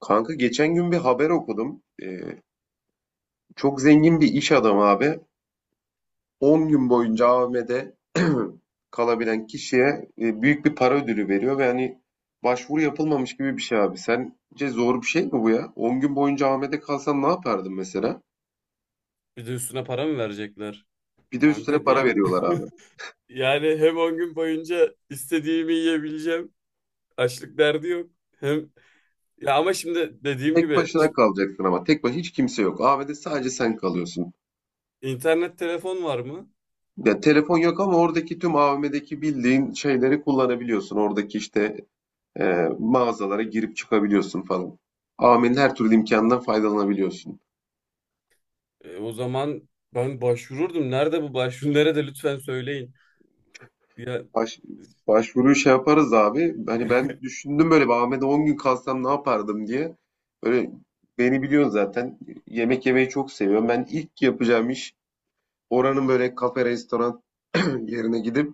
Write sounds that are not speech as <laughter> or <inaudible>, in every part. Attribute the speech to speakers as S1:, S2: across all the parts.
S1: Kanka geçen gün bir haber okudum. Çok zengin bir iş adamı abi. 10 gün boyunca AVM'de <clears throat> kalabilen kişiye büyük bir para ödülü veriyor ve hani başvuru yapılmamış gibi bir şey abi. Sence zor bir şey mi bu ya? 10 gün boyunca AVM'de kalsan ne yapardın mesela?
S2: Bir de üstüne para mı verecekler?
S1: Bir de üstüne
S2: Kanka
S1: para
S2: diye.
S1: veriyorlar abi.
S2: <laughs> Yani hem 10 gün boyunca istediğimi yiyebileceğim. Açlık derdi yok. Hem ya ama şimdi dediğim
S1: Tek
S2: gibi
S1: başına
S2: şimdi
S1: kalacaksın ama tek başına hiç kimse yok. AVM'de sadece sen kalıyorsun.
S2: internet telefon var mı?
S1: Ya telefon yok ama oradaki tüm AVM'deki bildiğin şeyleri kullanabiliyorsun. Oradaki işte mağazalara girip çıkabiliyorsun falan. Amin, her türlü imkandan faydalanabiliyorsun.
S2: O zaman ben başvururdum. Nerede bu başvuru? <laughs> Nerede lütfen söyleyin. Ya
S1: Baş, Başvuruyu şey yaparız abi. Hani
S2: <laughs>
S1: ben düşündüm, böyle bir Ahmet'e 10 gün kalsam ne yapardım diye. Böyle beni biliyorsun zaten. Yemek yemeyi çok seviyorum. Ben ilk yapacağım iş oranın böyle kafe, restoran <clears throat> yerine gidip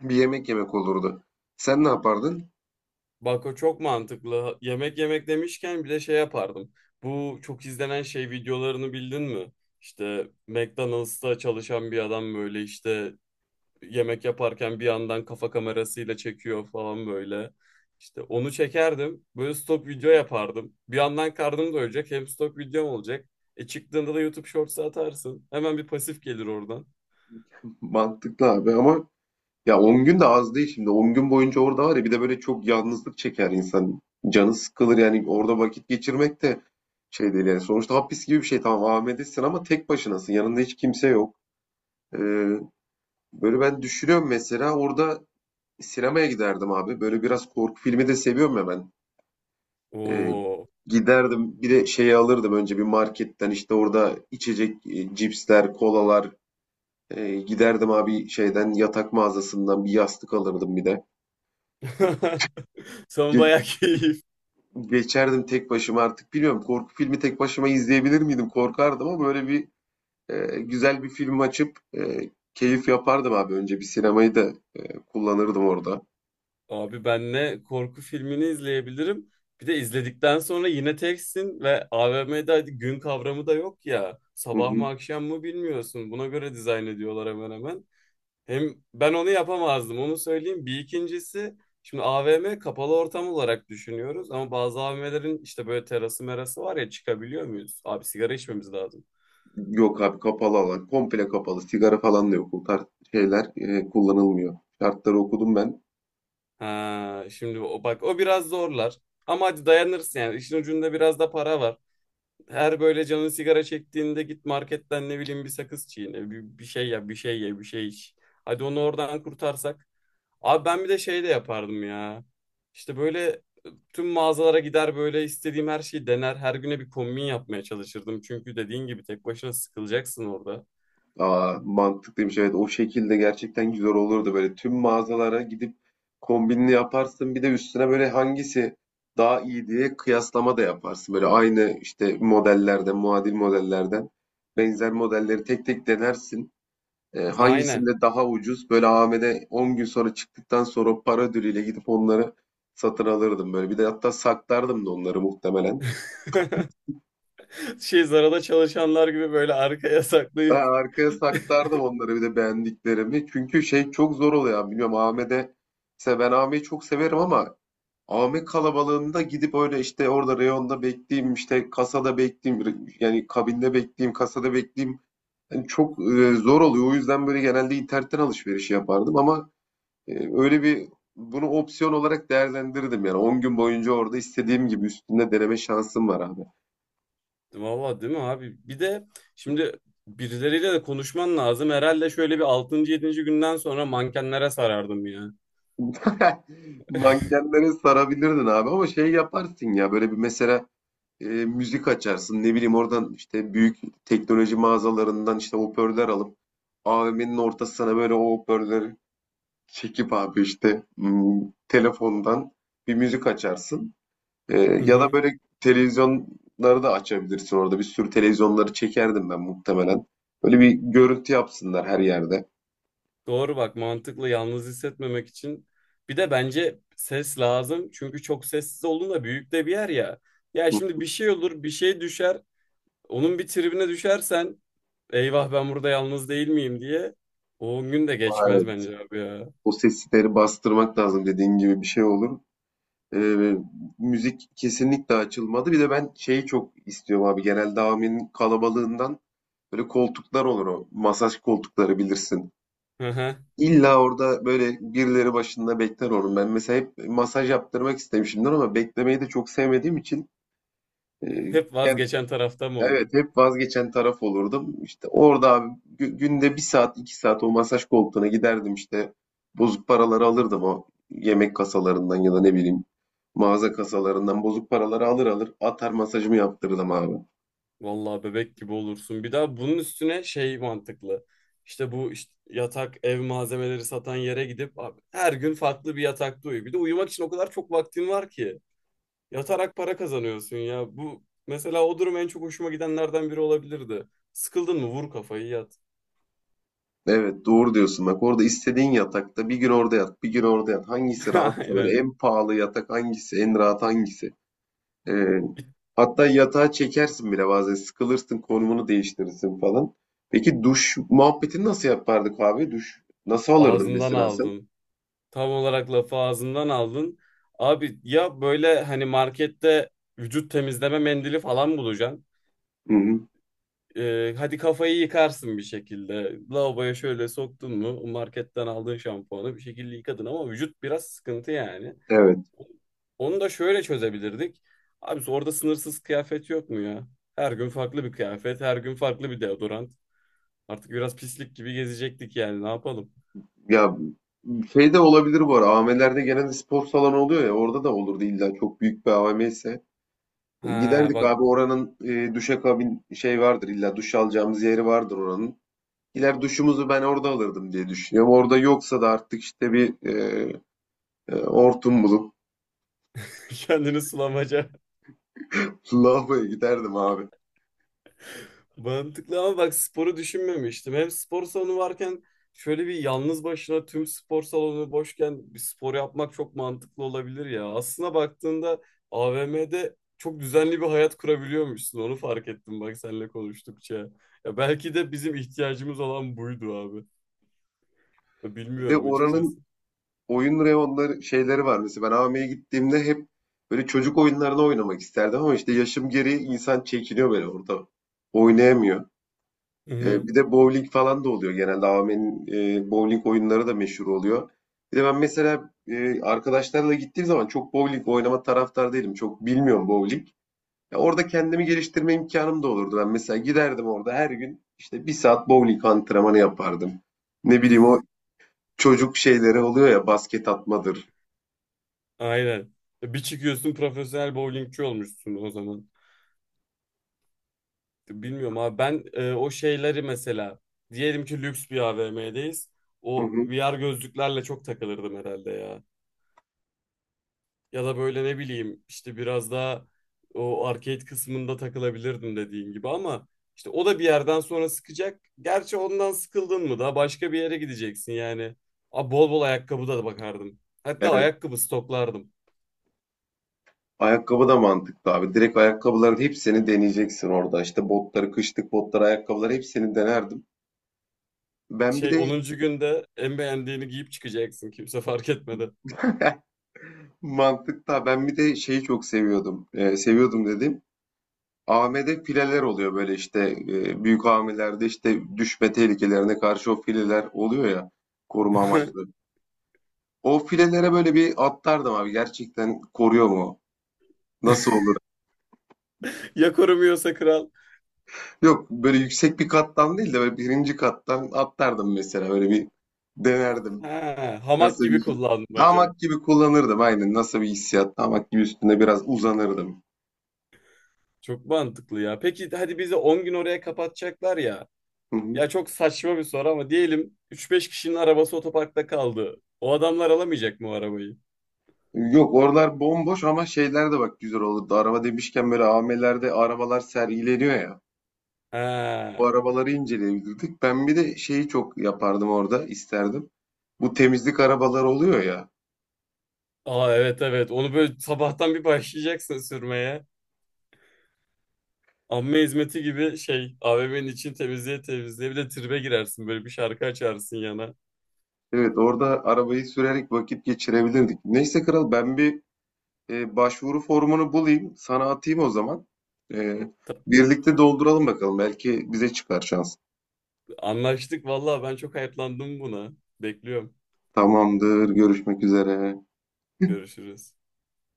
S1: bir yemek yemek olurdu. Sen ne yapardın?
S2: bak o çok mantıklı. Yemek yemek demişken bir de şey yapardım. Bu çok izlenen şey videolarını bildin mi? İşte McDonald's'ta çalışan bir adam böyle işte yemek yaparken bir yandan kafa kamerasıyla çekiyor falan böyle. İşte onu çekerdim. Böyle stok video yapardım. Bir yandan karnım doyacak hem stok videom olacak. E çıktığında da YouTube Shorts'a atarsın. Hemen bir pasif gelir oradan.
S1: Mantıklı abi ama ya 10 gün de az değil şimdi. 10 gün boyunca orada var ya, bir de böyle çok yalnızlık çeker insan. Canı sıkılır yani, orada vakit geçirmek de şey değil yani. Sonuçta hapis gibi bir şey, tamam AVM'desin ama tek başınasın. Yanında hiç kimse yok. Ee, Böyle ben düşünüyorum, mesela orada sinemaya giderdim abi. Böyle biraz korku filmi de seviyorum ya ben. Ee,
S2: Oo.
S1: Giderdim, bir de şeyi alırdım, önce bir marketten işte, orada içecek, cipsler, kolalar. Giderdim abi şeyden, yatak mağazasından bir yastık alırdım bir de.
S2: <laughs> Sen bayağı keyifli.
S1: Geçerdim tek başıma, artık bilmiyorum, korku filmi tek başıma izleyebilir miydim, korkardım ama böyle bir güzel bir film açıp keyif yapardım abi, önce bir sinemayı da kullanırdım orada.
S2: Abi benle korku filmini izleyebilirim. Bir de izledikten sonra yine teksin ve AVM'de gün kavramı da yok ya.
S1: Hı
S2: Sabah mı
S1: hı.
S2: akşam mı bilmiyorsun. Buna göre dizayn ediyorlar hemen hemen. Hem ben onu yapamazdım onu söyleyeyim. Bir ikincisi şimdi AVM kapalı ortam olarak düşünüyoruz. Ama bazı AVM'lerin işte böyle terası merası var ya çıkabiliyor muyuz? Abi sigara içmemiz lazım.
S1: Yok abi, kapalı alan, komple kapalı, sigara falan da yok, o tarz şeyler kullanılmıyor. Şartları okudum ben.
S2: Ha, şimdi o, bak o biraz zorlar. Ama hadi dayanırsın yani. İşin ucunda biraz da para var. Her böyle canın sigara çektiğinde git marketten ne bileyim bir sakız çiğne, bir şey yap, bir şey ye, bir şey iç. Hadi onu oradan kurtarsak. Abi ben bir de şey de yapardım ya. İşte böyle tüm mağazalara gider böyle istediğim her şeyi dener. Her güne bir kombin yapmaya çalışırdım. Çünkü dediğin gibi tek başına sıkılacaksın orada.
S1: Aa, mantıklıymış, evet, o şekilde gerçekten güzel olurdu. Böyle tüm mağazalara gidip kombinini yaparsın, bir de üstüne böyle hangisi daha iyi diye kıyaslama da yaparsın, böyle aynı işte modellerden, muadil modellerden benzer modelleri tek tek denersin,
S2: Aynen.
S1: hangisinde daha ucuz, böyle AVM'de 10 gün sonra çıktıktan sonra o para ödülüyle gidip onları satın alırdım, böyle bir de, hatta saklardım da onları muhtemelen.
S2: <laughs> Şey Zara'da çalışanlar gibi böyle arkaya saklayıp
S1: Ben arkaya saklardım
S2: <laughs>
S1: onları, bir de beğendiklerimi. Çünkü şey çok zor oluyor yani. Bilmiyorum Ahmet'e. Mesela ben Ahmet'i çok severim ama Ahmet kalabalığında gidip öyle işte orada reyonda bekleyeyim, işte kasada bekleyeyim, yani kabinde bekleyeyim, kasada bekleyeyim. Yani çok zor oluyor. O yüzden böyle genelde internetten alışveriş yapardım ama e, öyle bir, bunu opsiyon olarak değerlendirdim yani, 10 gün boyunca orada istediğim gibi üstünde deneme şansım var abi.
S2: valla değil mi abi? Bir de şimdi birileriyle de konuşman lazım. Herhalde şöyle bir altıncı, yedinci günden sonra mankenlere sarardım ya.
S1: <laughs> Mankenlere sarabilirdin abi, ama şey yaparsın ya, böyle bir mesela müzik açarsın. Ne bileyim, oradan işte büyük teknoloji mağazalarından işte hoparlör alıp AVM'nin ortasına böyle o hoparlörleri çekip abi, işte telefondan bir müzik açarsın.
S2: Hı
S1: Ya da
S2: hı.
S1: böyle televizyonları da açabilirsin orada. Bir sürü televizyonları çekerdim ben muhtemelen. Böyle bir görüntü yapsınlar her yerde.
S2: Doğru bak mantıklı yalnız hissetmemek için. Bir de bence ses lazım. Çünkü çok sessiz olduğunda büyük de bir yer ya. Ya
S1: Hı.
S2: şimdi bir şey olur, bir şey düşer. Onun bir tribine düşersen eyvah ben burada yalnız değil miyim diye. O on gün de
S1: Aa,
S2: geçmez
S1: evet.
S2: bence abi ya.
S1: O sesleri bastırmak lazım, dediğin gibi bir şey olur. Eee, Müzik kesinlikle açılmadı. Bir de ben şeyi çok istiyorum abi. Genelde AVM'nin kalabalığından, böyle koltuklar olur o. Masaj koltukları bilirsin.
S2: Hı hı.
S1: İlla orada böyle birileri başında bekler onun. Ben mesela hep masaj yaptırmak istemişimdir ama beklemeyi de çok sevmediğim için eee,
S2: Hep vazgeçen tarafta mı
S1: evet,
S2: oldun?
S1: hep vazgeçen taraf olurdum. İşte orada abi, günde bir saat 2 saat o masaj koltuğuna giderdim, işte bozuk paraları alırdım, o yemek kasalarından ya da ne bileyim mağaza kasalarından bozuk paraları alır alır atar, masajımı yaptırırdım abi.
S2: Vallahi bebek gibi olursun. Bir daha bunun üstüne şey mantıklı. İşte bu işte yatak ev malzemeleri satan yere gidip abi, her gün farklı bir yatakta uyu. Bir de uyumak için o kadar çok vaktin var ki. Yatarak para kazanıyorsun ya. Bu mesela o durum en çok hoşuma gidenlerden biri olabilirdi. Sıkıldın mı vur kafayı yat.
S1: Evet, doğru diyorsun bak, orada istediğin yatakta bir gün orada yat, bir gün orada yat, hangisi
S2: <laughs>
S1: rahatsa, böyle
S2: Aynen.
S1: en pahalı yatak hangisi, en rahat hangisi. Ee, Hatta yatağa çekersin bile, bazen sıkılırsın, konumunu değiştirirsin falan. Peki duş muhabbetini nasıl yapardık abi? Duş nasıl alırdın
S2: Ağzından
S1: mesela sen?
S2: aldın. Tam olarak lafı ağzından aldın. Abi ya böyle hani markette vücut temizleme mendili falan bulacaksın.
S1: Hı hı.
S2: Hadi kafayı yıkarsın bir şekilde. Lavaboya şöyle soktun mu o marketten aldığın şampuanı bir şekilde yıkadın ama vücut biraz sıkıntı yani.
S1: Evet.
S2: Onu da şöyle çözebilirdik. Abi orada sınırsız kıyafet yok mu ya? Her gün farklı bir kıyafet, her gün farklı bir deodorant. Artık biraz pislik gibi gezecektik yani ne yapalım?
S1: Ya şey de olabilir bu ara. AVM'lerde genelde spor salonu oluyor ya, orada da olurdu, illa çok büyük bir AVM ise.
S2: Ha
S1: Giderdik
S2: bak
S1: abi, oranın duşakabin şey vardır, illa duş alacağımız yeri vardır oranın. Gider duşumuzu ben orada alırdım diye düşünüyorum. Orada yoksa da artık işte bir hortum bulup,
S2: <laughs> kendini sulamaca.
S1: <laughs> lavaboya giderdim abi.
S2: Mantıklı ama bak sporu düşünmemiştim. Hem spor salonu varken şöyle bir yalnız başına tüm spor salonu boşken bir spor yapmak çok mantıklı olabilir ya. Aslına baktığında AVM'de çok düzenli bir hayat kurabiliyormuşsun. Onu fark ettim bak seninle konuştukça. Ya belki de bizim ihtiyacımız olan buydu abi. Ya
S1: Bir de
S2: bilmiyorum açıkçası.
S1: oranın oyun reyonları şeyleri var. Mesela ben AVM'ye gittiğimde hep böyle çocuk oyunlarını oynamak isterdim ama işte yaşım gereği insan çekiniyor böyle orada. Oynayamıyor.
S2: Hı hı,
S1: Bir de bowling falan da oluyor genelde. AVM'nin bowling oyunları da meşhur oluyor. Bir de ben mesela arkadaşlarla gittiğim zaman çok bowling oynama taraftar değilim. Çok bilmiyorum bowling. Ya orada kendimi geliştirme imkanım da olurdu. Ben mesela giderdim orada, her gün işte bir saat bowling antrenmanı yapardım. Ne bileyim, o çocuk şeyleri oluyor ya, basket atmadır.
S2: aynen. Ya bir çıkıyorsun profesyonel bowlingçi olmuşsun o zaman. Bilmiyorum abi ben o şeyleri mesela diyelim ki lüks bir AVM'deyiz.
S1: Hı
S2: O
S1: hı.
S2: VR gözlüklerle çok takılırdım herhalde ya. Ya da böyle ne bileyim işte biraz daha o arcade kısmında takılabilirdim dediğin gibi ama işte o da bir yerden sonra sıkacak. Gerçi ondan sıkıldın mı da başka bir yere gideceksin yani. Abi bol bol ayakkabı da bakardım. Hatta
S1: Evet.
S2: ayakkabı stoklardım.
S1: Ayakkabı da mantıklı abi. Direkt ayakkabıların hepsini deneyeceksin orada. İşte botları, kışlık botları, ayakkabıları hepsini denerdim. Ben bir
S2: Şey
S1: de
S2: onuncu günde en beğendiğini giyip çıkacaksın kimse fark etmeden.
S1: <laughs> mantıklı. Ben bir de şeyi çok seviyordum. Seviyordum dedim. AM'de fileler oluyor böyle, işte büyük AM'lerde işte düşme tehlikelerine karşı o fileler oluyor ya, koruma amaçlı.
S2: <laughs>
S1: O filelere böyle bir atlardım abi. Gerçekten koruyor mu? Nasıl olur?
S2: Ya korumuyorsa kral.
S1: Yok, böyle yüksek bir kattan değil de böyle birinci kattan atlardım mesela, öyle bir denerdim.
S2: Ha, hamak
S1: Nasıl
S2: gibi
S1: bir,
S2: kullanmaca.
S1: hamak gibi kullanırdım aynen, nasıl bir hissiyat, hamak gibi üstüne biraz uzanırdım.
S2: Çok mantıklı ya. Peki hadi bizi 10 gün oraya kapatacaklar ya.
S1: Hı hı.
S2: Ya çok saçma bir soru ama diyelim üç beş kişinin arabası otoparkta kaldı. O adamlar alamayacak mı o arabayı?
S1: Yok, oralar bomboş, ama şeyler de bak güzel olurdu. Araba demişken, böyle AVM'lerde arabalar sergileniyor ya. Bu
S2: Ha.
S1: arabaları inceleyebilirdik. Ben bir de şeyi çok yapardım orada, isterdim. Bu temizlik arabaları oluyor ya.
S2: Aa evet evet. Onu böyle sabahtan bir başlayacaksın sürmeye. Amme hizmeti gibi şey AVM'nin için temizliğe temizliğe bir de tribe girersin böyle bir şarkı açarsın yana.
S1: Evet, orada arabayı sürerek vakit geçirebilirdik. Neyse kral, ben bir başvuru formunu bulayım, sana atayım o zaman. Eee,
S2: Ta-
S1: Birlikte dolduralım bakalım. Belki bize çıkar şans.
S2: Anlaştık vallahi ben çok hayıflandım buna. Bekliyorum.
S1: Tamamdır, görüşmek üzere.
S2: Görüşürüz.